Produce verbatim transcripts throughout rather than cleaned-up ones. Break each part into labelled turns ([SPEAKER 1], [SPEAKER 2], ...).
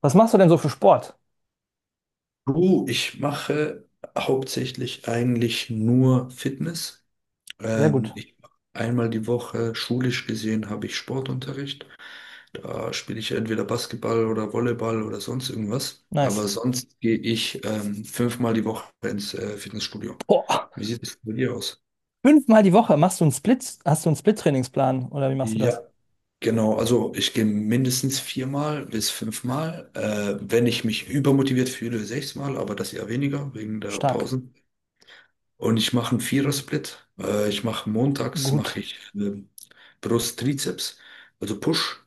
[SPEAKER 1] Was machst du denn so für Sport?
[SPEAKER 2] Du, ich mache hauptsächlich eigentlich nur Fitness.
[SPEAKER 1] Sehr
[SPEAKER 2] Ähm,
[SPEAKER 1] gut.
[SPEAKER 2] ich, einmal die Woche, schulisch gesehen, habe ich Sportunterricht. Da spiele ich entweder Basketball oder Volleyball oder sonst irgendwas.
[SPEAKER 1] Nice.
[SPEAKER 2] Aber sonst gehe ich ähm, fünfmal die Woche ins äh, Fitnessstudio.
[SPEAKER 1] Boah.
[SPEAKER 2] Wie sieht es bei dir aus?
[SPEAKER 1] Fünfmal die Woche machst du einen Split, hast du einen Split-Trainingsplan oder wie machst du das?
[SPEAKER 2] Ja, genau. Also ich gehe mindestens viermal bis fünfmal. Äh, wenn ich mich übermotiviert fühle, sechsmal, aber das eher weniger wegen der
[SPEAKER 1] Stark.
[SPEAKER 2] Pausen. Und ich mache einen Vierer-Split. Äh, ich mache montags
[SPEAKER 1] Gut.
[SPEAKER 2] mache ich ähm, Brust, Trizeps, also Push.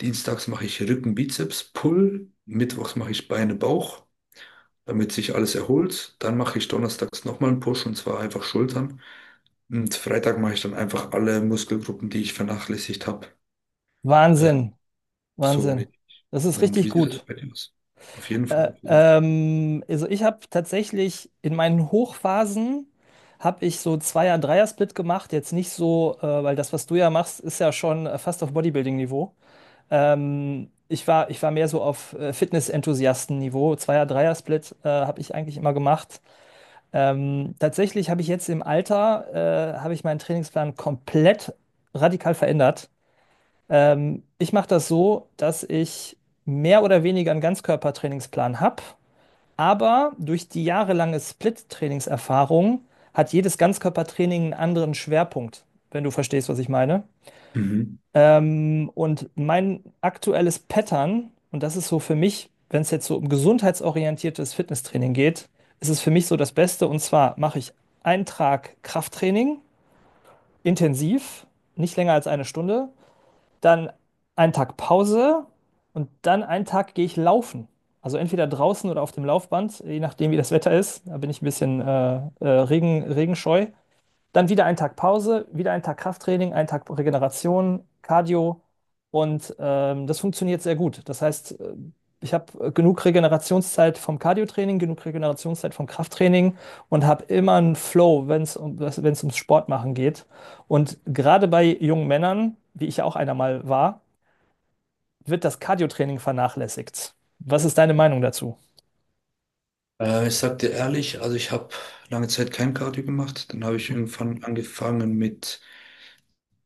[SPEAKER 2] Dienstags mache ich Rücken, Bizeps, Pull. Mittwochs mache ich Beine, Bauch, damit sich alles erholt. Dann mache ich donnerstags nochmal einen Push und zwar einfach Schultern. Und Freitag mache ich dann einfach alle Muskelgruppen, die ich vernachlässigt habe. Äh,
[SPEAKER 1] Wahnsinn.
[SPEAKER 2] so
[SPEAKER 1] Wahnsinn.
[SPEAKER 2] mit.
[SPEAKER 1] Das ist
[SPEAKER 2] Und wie
[SPEAKER 1] richtig
[SPEAKER 2] sieht das
[SPEAKER 1] gut.
[SPEAKER 2] bei dir aus? Auf jeden Fall,
[SPEAKER 1] Äh,
[SPEAKER 2] auf jeden Fall.
[SPEAKER 1] ähm, also ich habe tatsächlich in meinen Hochphasen habe ich so Zweier-, Dreier-Split gemacht. Jetzt nicht so, äh, weil das, was du ja machst, ist ja schon äh, fast auf Bodybuilding-Niveau. Ähm, ich war, ich war mehr so auf äh, Fitness-Enthusiasten-Niveau. Zweier-Dreier-Split äh, habe ich eigentlich immer gemacht. Ähm, tatsächlich habe ich jetzt im Alter, äh, habe ich meinen Trainingsplan komplett radikal verändert. Ähm, ich mache das so, dass ich mehr oder weniger einen Ganzkörpertrainingsplan habe, aber durch die jahrelange Split-Trainingserfahrung hat jedes Ganzkörpertraining einen anderen Schwerpunkt, wenn du verstehst, was ich meine.
[SPEAKER 2] Mhm.
[SPEAKER 1] Ähm, und mein aktuelles Pattern, und das ist so für mich, wenn es jetzt so um gesundheitsorientiertes Fitnesstraining geht, ist es für mich so das Beste. Und zwar mache ich einen Tag Krafttraining, intensiv, nicht länger als eine Stunde, dann einen Tag Pause und dann einen Tag gehe ich laufen. Also entweder draußen oder auf dem Laufband, je nachdem, wie das Wetter ist. Da bin ich ein bisschen äh, äh, Regen, regenscheu. Dann wieder ein Tag Pause, wieder ein Tag Krafttraining, ein Tag Regeneration, Cardio. Und ähm, das funktioniert sehr gut. Das heißt, äh, ich habe genug Regenerationszeit vom Cardiotraining, genug Regenerationszeit vom Krafttraining und habe immer einen Flow, wenn es um, wenn es ums Sportmachen geht. Und gerade bei jungen Männern, wie ich ja auch einer mal war, wird das Cardiotraining vernachlässigt. Was ist deine Meinung dazu?
[SPEAKER 2] Äh, ich sag dir ehrlich, also ich habe lange Zeit kein Cardio gemacht. Dann habe ich irgendwann angefangen mit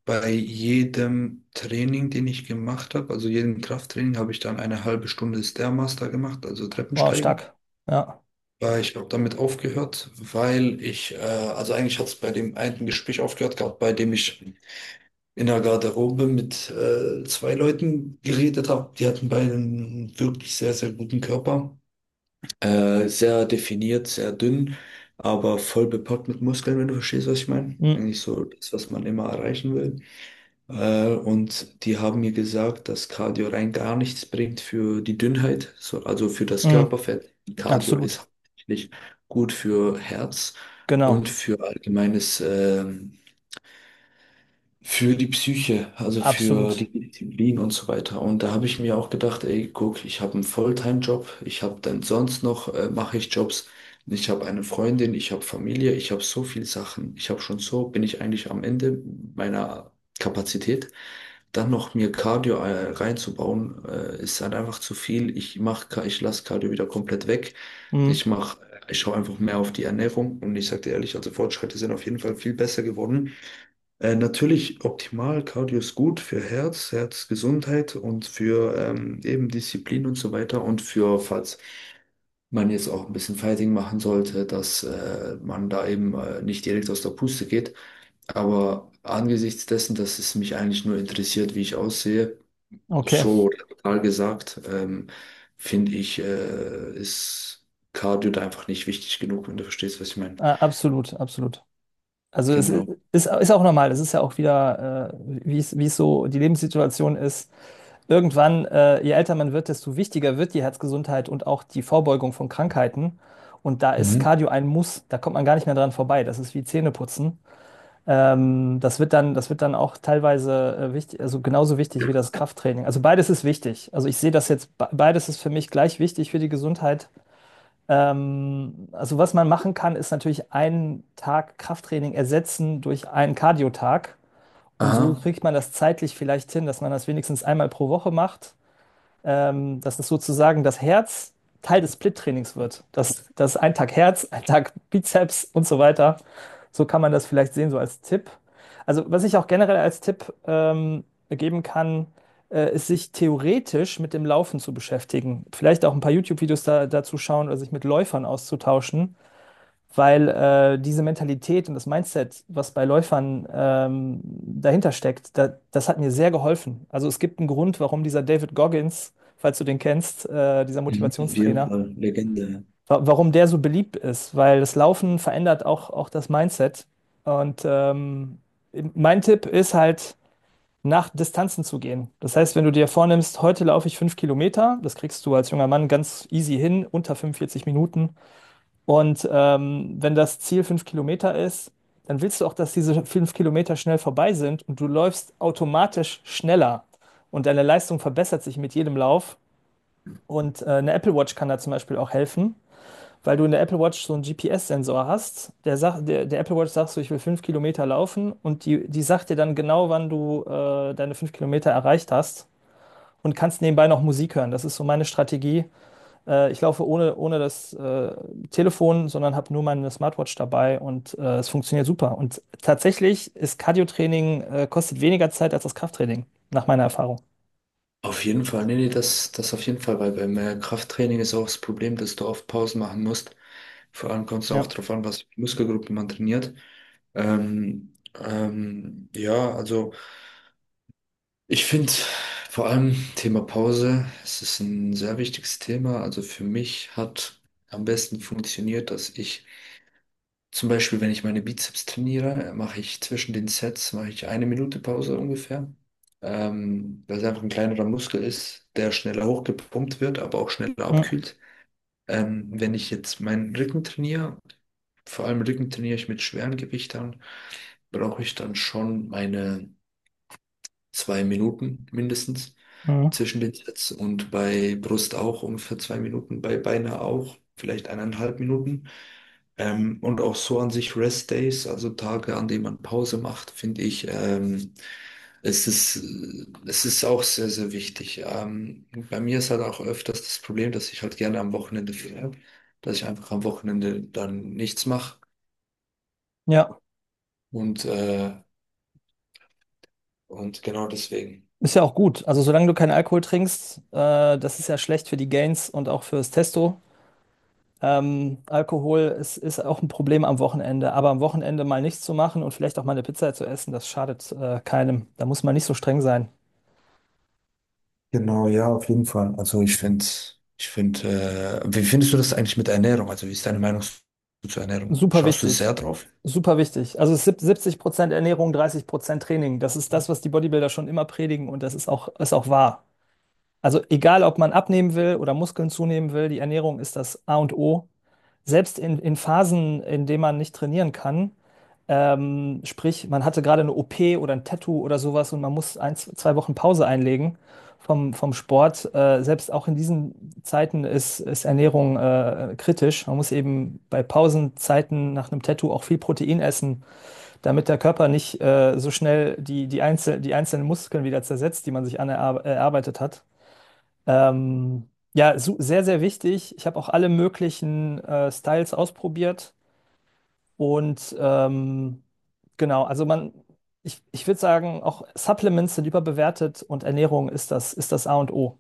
[SPEAKER 2] bei jedem Training, den ich gemacht habe, also jedem Krafttraining, habe ich dann eine halbe Stunde Stairmaster gemacht, also
[SPEAKER 1] Oh,
[SPEAKER 2] Treppensteigen.
[SPEAKER 1] stark. Ja.
[SPEAKER 2] Weil ich habe damit aufgehört, weil ich, äh, also eigentlich hat es bei dem einen Gespräch aufgehört gehabt, bei dem ich in der Garderobe mit äh, zwei Leuten geredet habe. Die hatten beide einen wirklich sehr, sehr guten Körper. Äh, sehr definiert, sehr dünn, aber voll bepackt mit Muskeln, wenn du verstehst, was ich meine.
[SPEAKER 1] Mm,
[SPEAKER 2] Eigentlich so das, was man immer erreichen will. Äh, und die haben mir gesagt, dass Cardio rein gar nichts bringt für die Dünnheit, so, also für das
[SPEAKER 1] mm,
[SPEAKER 2] Körperfett. Cardio ist
[SPEAKER 1] absolut.
[SPEAKER 2] hauptsächlich gut für Herz und
[SPEAKER 1] Genau.
[SPEAKER 2] für allgemeines äh, für die Psyche, also für
[SPEAKER 1] Absolut.
[SPEAKER 2] die Disziplin und so weiter. Und da habe ich mir auch gedacht, ey, guck, ich habe einen Volltime-Job, ich habe dann sonst noch, äh, mache ich Jobs, ich habe eine Freundin, ich habe Familie, ich habe so viel Sachen, ich habe schon so, bin ich eigentlich am Ende meiner Kapazität. Dann noch mir Cardio äh, reinzubauen, äh, ist halt einfach zu viel. Ich mache, ich lasse Cardio wieder komplett weg.
[SPEAKER 1] Mm,
[SPEAKER 2] Ich mache, ich schaue einfach mehr auf die Ernährung und ich sage dir ehrlich, also Fortschritte sind auf jeden Fall viel besser geworden. Äh, natürlich optimal, Cardio ist gut für Herz, Herzgesundheit und für ähm, eben Disziplin und so weiter und für, falls man jetzt auch ein bisschen Fighting machen sollte, dass äh, man da eben äh, nicht direkt aus der Puste geht. Aber angesichts dessen, dass es mich eigentlich nur interessiert, wie ich aussehe,
[SPEAKER 1] okay.
[SPEAKER 2] so total gesagt, ähm, finde ich, äh, ist Cardio da einfach nicht wichtig genug, wenn du verstehst, was ich meine.
[SPEAKER 1] Ah, absolut, absolut. Also es i-
[SPEAKER 2] Genau.
[SPEAKER 1] ist, ist auch normal, es ist ja auch wieder, äh, wie es, wie es so die Lebenssituation ist. Irgendwann, äh, je älter man wird, desto wichtiger wird die Herzgesundheit und auch die Vorbeugung von Krankheiten. Und da ist
[SPEAKER 2] Mhm.
[SPEAKER 1] Cardio ein Muss, da kommt man gar nicht mehr dran vorbei. Das ist wie Zähneputzen. Ähm, das wird dann, das wird dann auch teilweise äh, wichtig, also genauso wichtig wie das Krafttraining. Also beides ist wichtig. Also ich sehe das jetzt, be- beides ist für mich gleich wichtig für die Gesundheit. Ähm, also was man machen kann, ist natürlich einen Tag Krafttraining ersetzen durch einen Cardio-Tag. Und so
[SPEAKER 2] Aha.
[SPEAKER 1] kriegt man das zeitlich vielleicht hin, dass man das wenigstens einmal pro Woche macht, ähm, dass es sozusagen das Herz Teil des Split-Trainings wird. Dass, das ein Tag Herz, ein Tag Bizeps und so weiter. So kann man das vielleicht sehen, so als Tipp. Also, was ich auch generell als Tipp ähm, geben kann, äh, ist, sich theoretisch mit dem Laufen zu beschäftigen. Vielleicht auch ein paar YouTube-Videos da, dazu schauen oder sich mit Läufern auszutauschen, weil äh, diese Mentalität und das Mindset, was bei Läufern ähm, dahinter steckt, da, das hat mir sehr geholfen. Also es gibt einen Grund, warum dieser David Goggins, falls du den kennst, äh, dieser
[SPEAKER 2] Mhm. Auf jeden
[SPEAKER 1] Motivationstrainer,
[SPEAKER 2] Fall, Legende.
[SPEAKER 1] wa warum der so beliebt ist, weil das Laufen verändert auch, auch das Mindset. Und ähm, mein Tipp ist halt, nach Distanzen zu gehen. Das heißt, wenn du dir vornimmst, heute laufe ich fünf Kilometer, das kriegst du als junger Mann ganz easy hin, unter fünfundvierzig Minuten. Und ähm, wenn das Ziel fünf Kilometer ist, dann willst du auch, dass diese fünf Kilometer schnell vorbei sind und du läufst automatisch schneller und deine Leistung verbessert sich mit jedem Lauf. Und äh, eine Apple Watch kann da zum Beispiel auch helfen, weil du in der Apple Watch so einen G P S-Sensor hast. Der, sagt, der, der Apple Watch sagt so, ich will fünf Kilometer laufen und die, die sagt dir dann genau, wann du äh, deine fünf Kilometer erreicht hast und kannst nebenbei noch Musik hören. Das ist so meine Strategie, äh, ich laufe ohne, ohne das äh, Telefon, sondern habe nur meine Smartwatch dabei und äh, es funktioniert super. Und tatsächlich ist Cardio-Training äh, kostet weniger Zeit als das Krafttraining, nach meiner Erfahrung.
[SPEAKER 2] Auf jeden Fall, nee, nee, das, das auf jeden Fall, weil beim äh, Krafttraining ist auch das Problem, dass du oft Pausen machen musst. Vor allem kommt es auch
[SPEAKER 1] Ja.
[SPEAKER 2] darauf an, was für Muskelgruppen man trainiert. Ähm, ähm, ja, also ich finde vor allem Thema Pause, es ist ein sehr wichtiges Thema. Also für mich hat am besten funktioniert, dass ich zum Beispiel, wenn ich meine Bizeps trainiere, äh, mache ich zwischen den Sets mache ich eine Minute Pause ungefähr, ähm, weil es einfach ein kleinerer Muskel ist, der schneller hochgepumpt wird, aber auch schneller
[SPEAKER 1] Mhm.
[SPEAKER 2] abkühlt. Ähm, wenn ich jetzt meinen Rücken trainiere, vor allem Rücken trainiere ich mit schweren Gewichtern, brauche ich dann schon meine zwei Minuten mindestens
[SPEAKER 1] Mhm.
[SPEAKER 2] zwischen den Sets und bei Brust auch ungefähr zwei Minuten, bei Beine auch vielleicht eineinhalb Minuten. Ähm, und auch so an sich Rest Days, also Tage, an denen man Pause macht, finde ich, ähm, es ist, äh, es ist auch sehr, sehr wichtig. Ähm, bei mir ist halt auch öfters das Problem, dass ich halt gerne am Wochenende frei dass ich einfach am Wochenende dann nichts mache
[SPEAKER 1] Ja.
[SPEAKER 2] und, äh, und genau deswegen.
[SPEAKER 1] Ist ja auch gut. Also solange du keinen Alkohol trinkst, äh, das ist ja schlecht für die Gains und auch fürs Testo. Ähm, Alkohol ist, ist auch ein Problem am Wochenende. Aber am Wochenende mal nichts zu machen und vielleicht auch mal eine Pizza zu essen, das schadet äh, keinem. Da muss man nicht so streng sein.
[SPEAKER 2] Genau, ja, auf jeden Fall. Also ich finde, ich finde, äh, wie findest du das eigentlich mit Ernährung? Also wie ist deine Meinung zu- zur Ernährung?
[SPEAKER 1] Super
[SPEAKER 2] Schaust du
[SPEAKER 1] wichtig.
[SPEAKER 2] sehr drauf?
[SPEAKER 1] Super wichtig. Also es ist sieb- siebzig Prozent Ernährung, dreißig Prozent Training. Das ist das, was die Bodybuilder schon immer predigen und das ist auch, ist auch wahr. Also egal, ob man abnehmen will oder Muskeln zunehmen will, die Ernährung ist das A und O, selbst in, in Phasen, in denen man nicht trainieren kann, ähm, sprich, man hatte gerade eine O P oder ein Tattoo oder sowas und man muss ein, zwei Wochen Pause einlegen vom, vom Sport. Äh, selbst auch in diesen Zeiten ist, ist Ernährung äh, kritisch. Man muss eben bei Pausenzeiten nach einem Tattoo auch viel Protein essen, damit der Körper nicht äh, so schnell die, die, Einzel die einzelnen Muskeln wieder zersetzt, die man sich anerarbeitet hat. Ähm, ja, su- sehr, sehr wichtig. Ich habe auch alle möglichen äh, Styles ausprobiert und ähm, genau, also man, ich, ich würde sagen, auch Supplements sind überbewertet und Ernährung ist das, ist das A und O.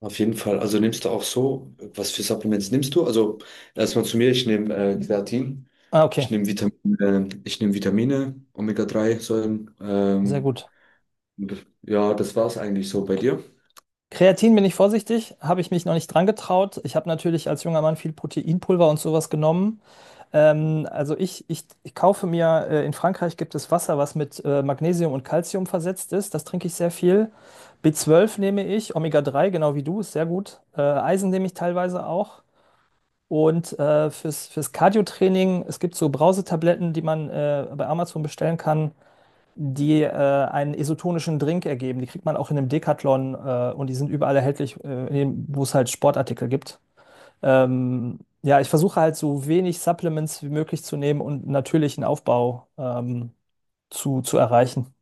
[SPEAKER 2] Auf jeden Fall. Also nimmst du auch so, was für Supplements nimmst du? Also erstmal zu mir, ich nehme äh, Kreatin,
[SPEAKER 1] Ah, okay,
[SPEAKER 2] ich nehme Vitamin, äh, ich nehme Vitamine, omega drei Säuren.
[SPEAKER 1] sehr
[SPEAKER 2] Ähm,
[SPEAKER 1] gut.
[SPEAKER 2] ja, das war es eigentlich so bei dir.
[SPEAKER 1] Kreatin bin ich vorsichtig, habe ich mich noch nicht dran getraut. Ich habe natürlich als junger Mann viel Proteinpulver und sowas genommen. Ähm, also ich, ich, ich kaufe mir, äh, in Frankreich gibt es Wasser, was mit äh, Magnesium und Calcium versetzt ist. Das trinke ich sehr viel. B zwölf nehme ich, Omega drei, genau wie du, ist sehr gut. Äh, Eisen nehme ich teilweise auch. Und äh, fürs, fürs Cardio-Training, es gibt so Brausetabletten, die man äh, bei Amazon bestellen kann, die äh, einen isotonischen Drink ergeben. Die kriegt man auch in einem Decathlon äh, und die sind überall erhältlich, äh, in dem- wo es halt Sportartikel gibt. Ähm, ja, ich versuche halt so wenig Supplements wie möglich zu nehmen und natürlichen Aufbau ähm, zu, zu erreichen.